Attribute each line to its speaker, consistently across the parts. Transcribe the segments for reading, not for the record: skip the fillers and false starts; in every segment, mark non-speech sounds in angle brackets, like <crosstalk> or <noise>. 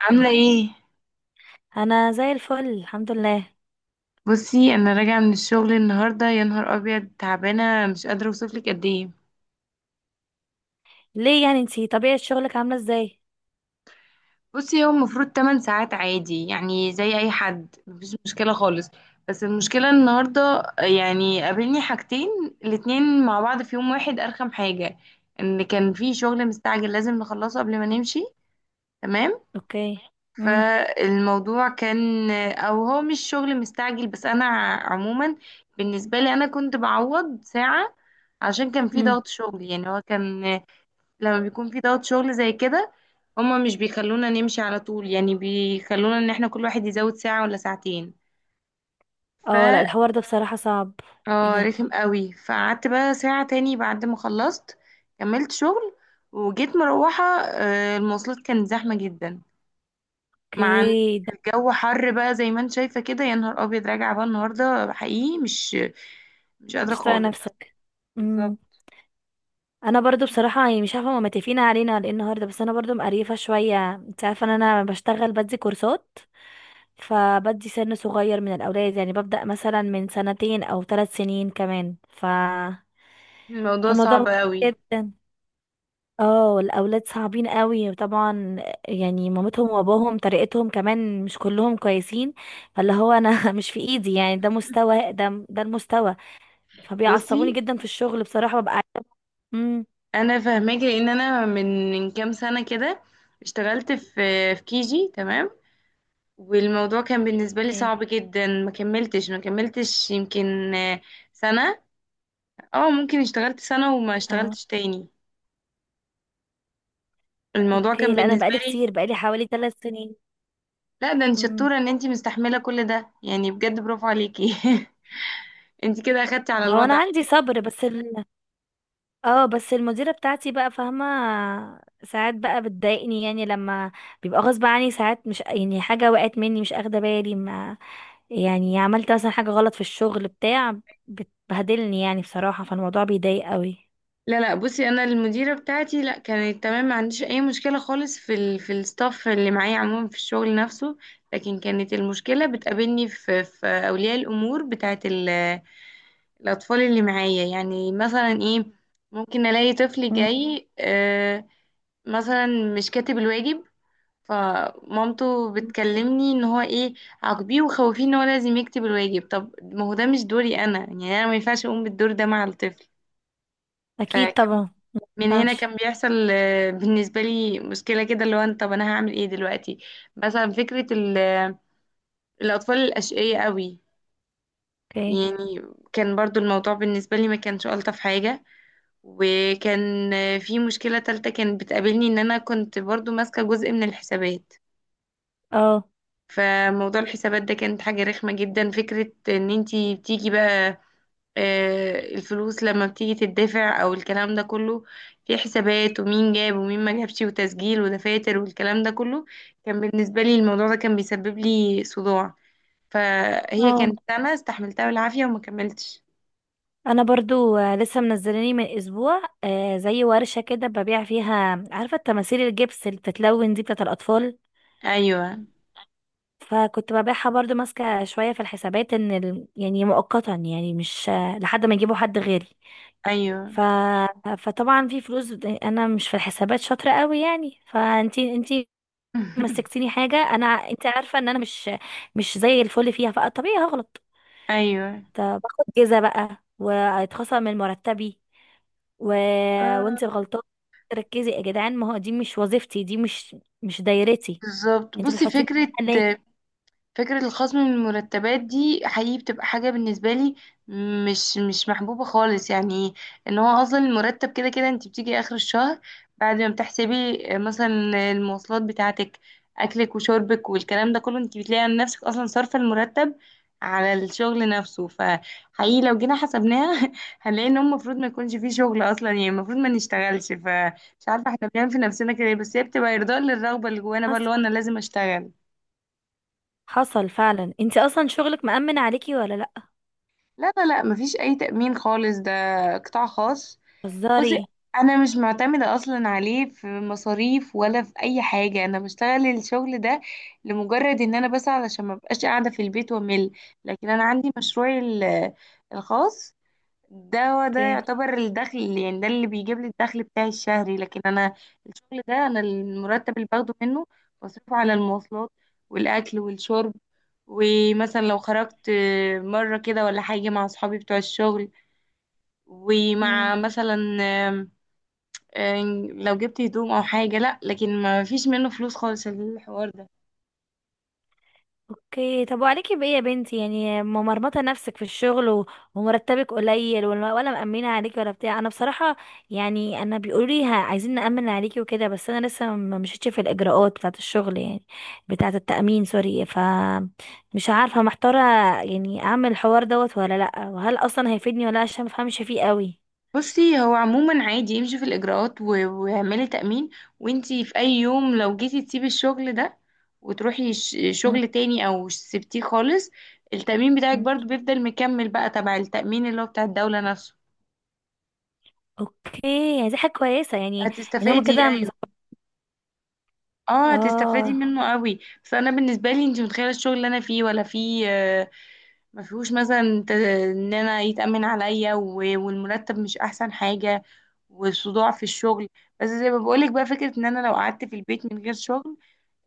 Speaker 1: عاملة ايه؟
Speaker 2: انا زي الفل، الحمد لله.
Speaker 1: بصي، انا راجعة من الشغل النهاردة، يا نهار ابيض، تعبانة مش قادرة اوصفلك قد ايه.
Speaker 2: ليه؟ يعني انتي طبيعة شغلك عاملة ازاي؟
Speaker 1: بصي هو المفروض 8 ساعات عادي، يعني زي اي حد، مفيش مشكلة خالص. بس المشكلة النهاردة، يعني قابلني حاجتين الاتنين مع بعض في يوم واحد، ارخم حاجة ان كان في شغل مستعجل لازم نخلصه قبل ما نمشي. تمام.
Speaker 2: اوكي. امم
Speaker 1: فالموضوع كان، او هو مش شغل مستعجل بس انا عموما بالنسبه لي انا كنت بعوض ساعه عشان كان في
Speaker 2: امم
Speaker 1: ضغط شغل. يعني هو كان، لما بيكون في ضغط شغل زي كده هما مش بيخلونا نمشي على طول، يعني بيخلونا ان احنا كل واحد يزود ساعه ولا ساعتين. ف
Speaker 2: اه، لا، الحوار ده بصراحة صعب. ايه
Speaker 1: اه،
Speaker 2: ده؟
Speaker 1: رخم قوي. فقعدت بقى ساعه تاني بعد ما خلصت، كملت شغل، وجيت مروحه. المواصلات كانت زحمه جدا، مع إن
Speaker 2: اوكي. ده
Speaker 1: الجو حر بقى زي ما انت شايفة كده. يا نهار ابيض، راجعة بقى النهاردة حقيقي مش قادرة
Speaker 2: مش طايقة
Speaker 1: خالص.
Speaker 2: نفسك.
Speaker 1: بالظبط.
Speaker 2: امم انا برضو بصراحة يعني مش عارفة هما متفقين علينا على ايه النهاردة، بس انا برضو مقريفة شوية. انت عارفة ان انا بشتغل بدي كورسات، فبدي سن صغير من الاولاد، يعني ببدأ مثلا من سنتين او ثلاث سنين كمان.
Speaker 1: الموضوع
Speaker 2: فالموضوع
Speaker 1: صعب
Speaker 2: مهم
Speaker 1: قوي.
Speaker 2: جدا. اه، الاولاد صعبين قوي طبعا. يعني مامتهم واباهم طريقتهم كمان مش كلهم كويسين. فاللي هو انا <laughs> مش في ايدي، يعني ده مستوى، ده المستوى. فبيعصبوني
Speaker 1: بصي
Speaker 2: جدا في الشغل بصراحة. امم
Speaker 1: انا فاهماكي، لان انا من كام سنة كده اشتغلت في كيجي. تمام. والموضوع كان بالنسبة لي
Speaker 2: اوكي.
Speaker 1: صعب جدا. ما كملتش يمكن سنة. اه، ممكن اشتغلت سنة وما
Speaker 2: اه.
Speaker 1: اشتغلتش تاني. الموضوع
Speaker 2: اوكي،
Speaker 1: كان
Speaker 2: لا انا
Speaker 1: بالنسبة
Speaker 2: بقالي
Speaker 1: لي.
Speaker 2: كتير بقالي حوالي ثلاث سنين.
Speaker 1: لا، ده انت
Speaker 2: امم
Speaker 1: شطورة ان انت مستحملة كل ده يعني، بجد برافو عليكي. <laughs> انت كده اخدتي على
Speaker 2: هو انا
Speaker 1: الوضع.
Speaker 2: عندي صبر، بس اه، بس المديره بتاعتي بقى فاهمه. ساعات بقى بتضايقني، يعني لما بيبقى غصب عني. ساعات مش يعني حاجه وقعت مني، مش اخده بالي. ما يعني عملت مثلا حاجة غلط في الشغل بتاع، بتبهدلني يعني بصراحة. فالموضوع بيضايق قوي.
Speaker 1: لا لا، بصي انا المديره بتاعتي لا، كانت تمام، ما عنديش اي مشكله خالص في في الستاف اللي معايا عموما، في الشغل نفسه. لكن كانت المشكله بتقابلني في اولياء الامور بتاعت الاطفال اللي معايا. يعني مثلا ايه، ممكن الاقي طفل
Speaker 2: مم.
Speaker 1: جاي مثلا مش كاتب الواجب. فمامته بتكلمني ان هو ايه، عاقبيه وخوفيه ان هو لازم يكتب الواجب. طب ما هو ده مش دوري انا، يعني انا ما ينفعش اقوم بالدور ده مع الطفل.
Speaker 2: اكيد
Speaker 1: فكان
Speaker 2: طبعا.
Speaker 1: من هنا
Speaker 2: مفينفعش.
Speaker 1: كان بيحصل بالنسبة لي مشكلة كده، اللي هو طب أنا هعمل إيه دلوقتي. مثلا فكرة الأطفال الأشقية قوي.
Speaker 2: اوكي.
Speaker 1: يعني كان برضو الموضوع بالنسبة لي ما كانش ألطف حاجة. وكان في مشكلة تالتة كانت بتقابلني إن أنا كنت برضو ماسكة جزء من الحسابات.
Speaker 2: اه.
Speaker 1: فموضوع الحسابات ده كانت حاجة رخمة جدا، فكرة إن انتي بتيجي بقى الفلوس لما بتيجي تدفع او الكلام ده كله، في حسابات ومين جاب ومين ما جابش وتسجيل ودفاتر والكلام ده كله. كان بالنسبة لي الموضوع ده كان بيسبب لي صداع. فهي
Speaker 2: اه،
Speaker 1: كانت سنة استحملتها بالعافية وما كملتش.
Speaker 2: انا برضو لسه منزلاني من اسبوع زي ورشة كده ببيع فيها. عارفة التماثيل الجبس اللي بتتلون دي بتاعة الاطفال؟
Speaker 1: ايوه،
Speaker 2: فكنت ببيعها، برضو ماسكة شوية في الحسابات. ان يعني مؤقتا، يعني مش آه، لحد ما يجيبوا حد غيري.
Speaker 1: ايوه.
Speaker 2: ف... فطبعا في فلوس. انا مش في الحسابات شاطرة قوي يعني، فانتي
Speaker 1: <laughs>
Speaker 2: مسكتيني حاجه. انا انت عارفه ان انا مش زي الفل فيها، فطبيعي هغلط.
Speaker 1: ايوه،
Speaker 2: طب باخد جزا بقى وهيتخصم من مرتبي و...
Speaker 1: آه،
Speaker 2: وانت غلطانه، تركزي يا جدعان. ما هو دي مش وظيفتي، دي مش دايرتي.
Speaker 1: بالظبط.
Speaker 2: انت
Speaker 1: بصي
Speaker 2: بتحطيني
Speaker 1: فكرة
Speaker 2: فيها ليه؟
Speaker 1: الخصم من المرتبات دي حقيقي بتبقى حاجة بالنسبة لي مش محبوبة خالص. يعني ان هو اصلا المرتب كده كده، انت بتيجي اخر الشهر بعد ما بتحسبي مثلا المواصلات بتاعتك، اكلك وشربك والكلام ده كله، انت بتلاقي عن نفسك اصلا صارفة المرتب على الشغل نفسه. فحقيقي لو جينا حسبناها <laughs> هنلاقي ان هو المفروض ما يكونش فيه شغل اصلا، يعني المفروض ما نشتغلش. فمش عارفة احنا بنعمل في نفسنا كده إيه، بس هي بتبقى ارضاء للرغبة اللي جوانا بقى، اللي
Speaker 2: حصل.
Speaker 1: هو انا لازم اشتغل.
Speaker 2: حصل فعلا. انت اصلا شغلك مأمن عليكي ولا لا؟
Speaker 1: لا لا لا، مفيش اي تأمين خالص، ده قطاع خاص.
Speaker 2: هزاري.
Speaker 1: بصي انا مش معتمدة اصلا عليه في مصاريف ولا في اي حاجة. انا بشتغل الشغل ده لمجرد ان انا بس علشان ما بقاش قاعدة في البيت وامل. لكن انا عندي مشروعي الخاص، ده هو ده
Speaker 2: اوكي.
Speaker 1: يعتبر الدخل، يعني ده اللي بيجيب لي الدخل بتاعي الشهري. لكن انا الشغل ده انا المرتب اللي باخده منه بصرفه على المواصلات والاكل والشرب، ومثلا لو خرجت مره كده ولا حاجه مع اصحابي بتوع الشغل، ومع مثلا آم، آم، لو جبت هدوم او حاجه. لا، لكن ما فيش منه فلوس خالص الحوار ده.
Speaker 2: اوكي، طب وعليكي بايه يا بنتي؟ يعني ممرمطه نفسك في الشغل و- ومرتبك قليل، ولا مأمنه عليكي، ولا بتاع. انا بصراحه، يعني انا بيقولوا لي عايزين نأمن عليكي وكده، بس انا لسه ما مشيتش في الاجراءات بتاعه الشغل يعني، بتاعه التأمين، سوري. ف مش عارفه، محتاره. يعني اعمل الحوار دوت ولا لا؟ وهل اصلا هيفيدني ولا لا؟ عشان ما بفهمش فيه قوي.
Speaker 1: بصي هو عموما عادي، يمشي في الإجراءات واعملي تأمين. وانتي في أي يوم لو جيتي تسيبي الشغل ده وتروحي
Speaker 2: مم.
Speaker 1: شغل تاني أو سبتيه خالص، التأمين بتاعك
Speaker 2: مم.
Speaker 1: برضو بيفضل مكمل بقى تبع التأمين اللي هو بتاع الدولة نفسه.
Speaker 2: اوكي يعني دي حاجه كويسه يعني، ان هما
Speaker 1: هتستفادي
Speaker 2: كده
Speaker 1: أيوه. اه، هتستفادي
Speaker 2: اه.
Speaker 1: منه قوي. بس أنا بالنسبة لي، انتي متخيلة الشغل اللي أنا فيه ولا فيه ما فيهوش مثلا ان انا يتأمن عليا والمرتب مش احسن حاجة، وصداع في الشغل. بس زي ما بقولك بقى، فكرة ان انا لو قعدت في البيت من غير شغل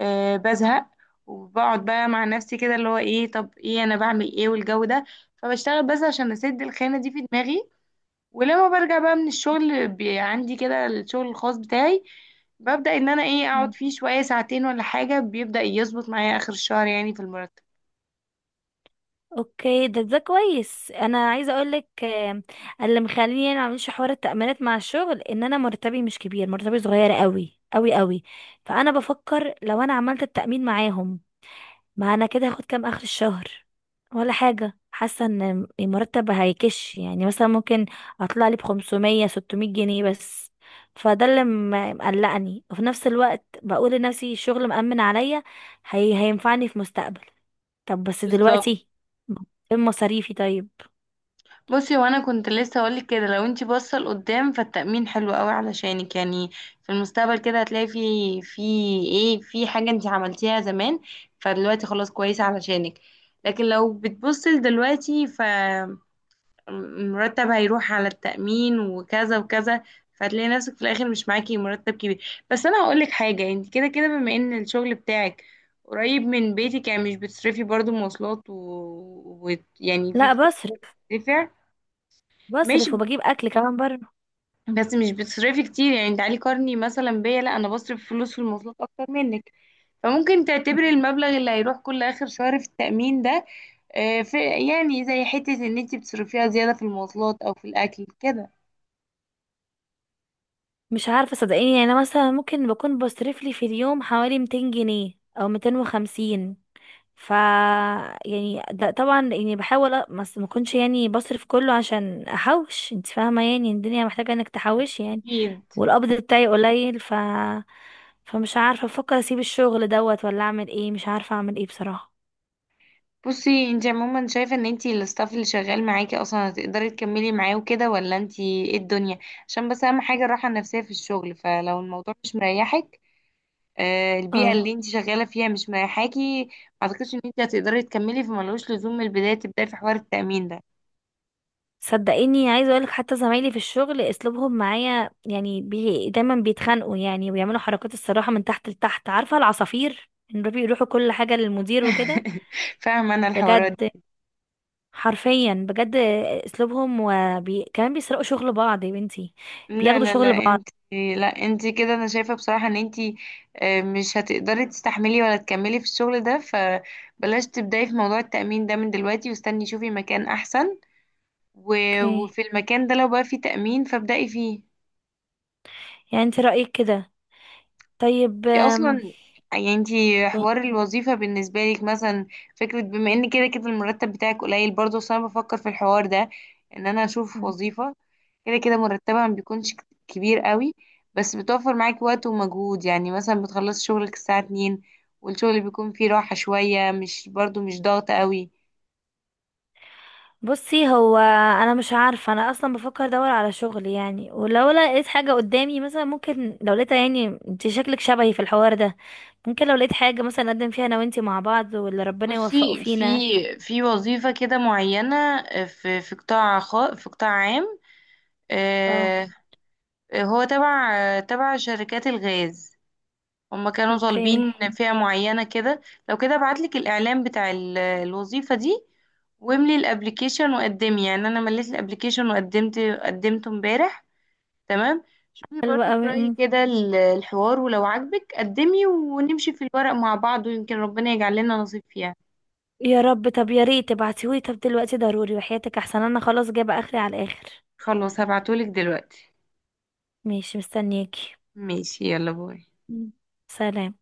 Speaker 1: بزهق، وبقعد بقى مع نفسي كده اللي هو ايه، طب ايه انا بعمل ايه والجو ده. فبشتغل بس عشان اسد الخانة دي في دماغي. ولما برجع بقى من الشغل عندي كده الشغل الخاص بتاعي، ببدأ ان انا ايه اقعد فيه شوية ساعتين ولا حاجة. بيبدأ يظبط معايا اخر الشهر يعني في المرتب.
Speaker 2: اوكي، ده كويس. انا عايزه اقول لك اللي مخليني يعني ما اعملش حوار التأمينات مع الشغل، ان انا مرتبي مش كبير، مرتبي صغير قوي قوي قوي. فانا بفكر لو انا عملت التأمين معاهم، ما انا كده هاخد كام اخر الشهر؟ ولا حاجه. حاسه ان المرتب هيكش، يعني مثلا ممكن اطلع لي ب 500 600 جنيه بس. فده اللي مقلقني. وفي نفس الوقت بقول لنفسي الشغل مأمن عليا، هي هينفعني في مستقبل. طب بس دلوقتي فين مصاريفي طيب؟
Speaker 1: بصي وانا كنت لسه هقولك كده، لو انتي باصه لقدام فالتأمين حلو قوي علشانك، يعني في المستقبل كده هتلاقي في في ايه، في حاجه انتي عملتيها زمان، فدلوقتي خلاص كويسه علشانك. لكن لو بتبصي لدلوقتي فالمرتب هيروح على التأمين وكذا وكذا، فهتلاقي نفسك في الاخر مش معاكي مرتب كبير. بس انا هقولك حاجه، انت كده كده بما ان الشغل بتاعك قريب من بيتك، يعني مش بتصرفي برضو مواصلات يعني في
Speaker 2: لا،
Speaker 1: فلوس
Speaker 2: بصرف.
Speaker 1: بتدفع. ماشي،
Speaker 2: بصرف وبجيب اكل كمان بره.
Speaker 1: بس مش بتصرفي كتير، يعني تعالي قارني مثلا بيا، لا انا بصرف فلوس في المواصلات اكتر منك. فممكن تعتبري
Speaker 2: مم.
Speaker 1: المبلغ اللي هيروح كل اخر شهر في التأمين ده آه، في يعني زي حتة ان انت بتصرفيها زيادة في المواصلات او في الاكل كده.
Speaker 2: مش عارفه صدقيني. يعني انا مثلا ممكن بكون بصرف لي في اليوم حوالي 200 جنيه او 250. ف يعني ده طبعا يعني بحاول ما اكونش يعني بصرف كله، عشان احوش. انت فاهمه يعني الدنيا محتاجه انك تحوشي يعني.
Speaker 1: اكيد.
Speaker 2: والقبض بتاعي قليل. فمش عارفه، بفكر اسيب الشغل دوت ولا اعمل ايه. مش عارفه اعمل ايه بصراحه.
Speaker 1: بصي انت عموما شايفة ان انت الستاف اللي شغال معاكي اصلا هتقدري تكملي معاه وكده ولا انت، ايه الدنيا عشان بس اهم حاجة الراحة النفسية في الشغل. فلو الموضوع مش مريحك، البيئة
Speaker 2: اه،
Speaker 1: اللي انت شغالة فيها مش مريحاكي، ما اعتقدش ان انت هتقدري تكملي، فملوش لزوم من البداية تبداي في حوار التأمين ده.
Speaker 2: صدقيني عايزه اقولك. حتى زمايلي في الشغل اسلوبهم معايا يعني دايما بيتخانقوا، يعني وبيعملوا حركات، الصراحه من تحت لتحت. عارفه العصافير؟ ان بيروحوا كل حاجه للمدير وكده.
Speaker 1: <laughs> فاهمة انا الحوارات
Speaker 2: بجد.
Speaker 1: دي.
Speaker 2: حرفيا بجد. اسلوبهم كمان بيسرقوا شغل بعض يا بنتي،
Speaker 1: لا
Speaker 2: بياخدوا
Speaker 1: لا
Speaker 2: شغل
Speaker 1: لا،
Speaker 2: بعض.
Speaker 1: انت كده انا شايفة بصراحة ان انت مش هتقدري تستحملي ولا تكملي في الشغل ده، فبلاش تبداي في موضوع التأمين ده من دلوقتي. واستني شوفي مكان احسن و...
Speaker 2: اوكي،
Speaker 1: وفي المكان ده لو بقى فيه تأمين فابدأي فيه.
Speaker 2: يعني انت رايك كده؟ طيب.
Speaker 1: دي اصلا، يعني انتي حوار الوظيفة بالنسبة لك مثلا، فكرة بما ان كده كده المرتب بتاعك قليل برضه، بس انا بفكر في الحوار ده، ان انا اشوف
Speaker 2: مم.
Speaker 1: وظيفة كده كده مرتبها ما بيكونش كبير قوي، بس بتوفر معاكي وقت ومجهود، يعني مثلا بتخلصي شغلك الساعة 2 والشغل بيكون فيه راحة شوية، مش برضه مش ضغط قوي.
Speaker 2: بصي، هو انا مش عارفه. انا اصلا بفكر ادور على شغل يعني، ولو لقيت حاجه قدامي مثلا ممكن. لو لقيتها يعني، انت شكلك شبهي في الحوار ده. ممكن لو لقيت حاجة مثلا نقدم فيها انا وانتي مع بعض، واللي ربنا يوفقه
Speaker 1: بصي في
Speaker 2: فينا.
Speaker 1: وظيفة كده معينة، في قطاع خاص، في قطاع عام.
Speaker 2: اه.
Speaker 1: آه، هو تبع شركات الغاز، هما كانوا
Speaker 2: اوكي.
Speaker 1: طالبين فئة معينة كده. لو كده ابعتلك الإعلان بتاع الوظيفة دي، واملي الابليكيشن وقدمي. يعني انا مليت الابليكيشن وقدمت قدمته امبارح. تمام. شوفي
Speaker 2: حلوة
Speaker 1: برضو في
Speaker 2: قوي.
Speaker 1: رأيي كده الحوار، ولو عجبك قدمي ونمشي في الورق مع بعض، ويمكن ربنا يجعل لنا نصيب فيها.
Speaker 2: يا رب. طب يا ريت تبعتيهولي. طب دلوقتي ضروري وحياتك، احسن انا خلاص جايبة اخري على الاخر.
Speaker 1: خلاص هبعتهولك دلوقتي.
Speaker 2: ماشي، مستنياكي.
Speaker 1: ماشي، يلا باي.
Speaker 2: مم. سلام.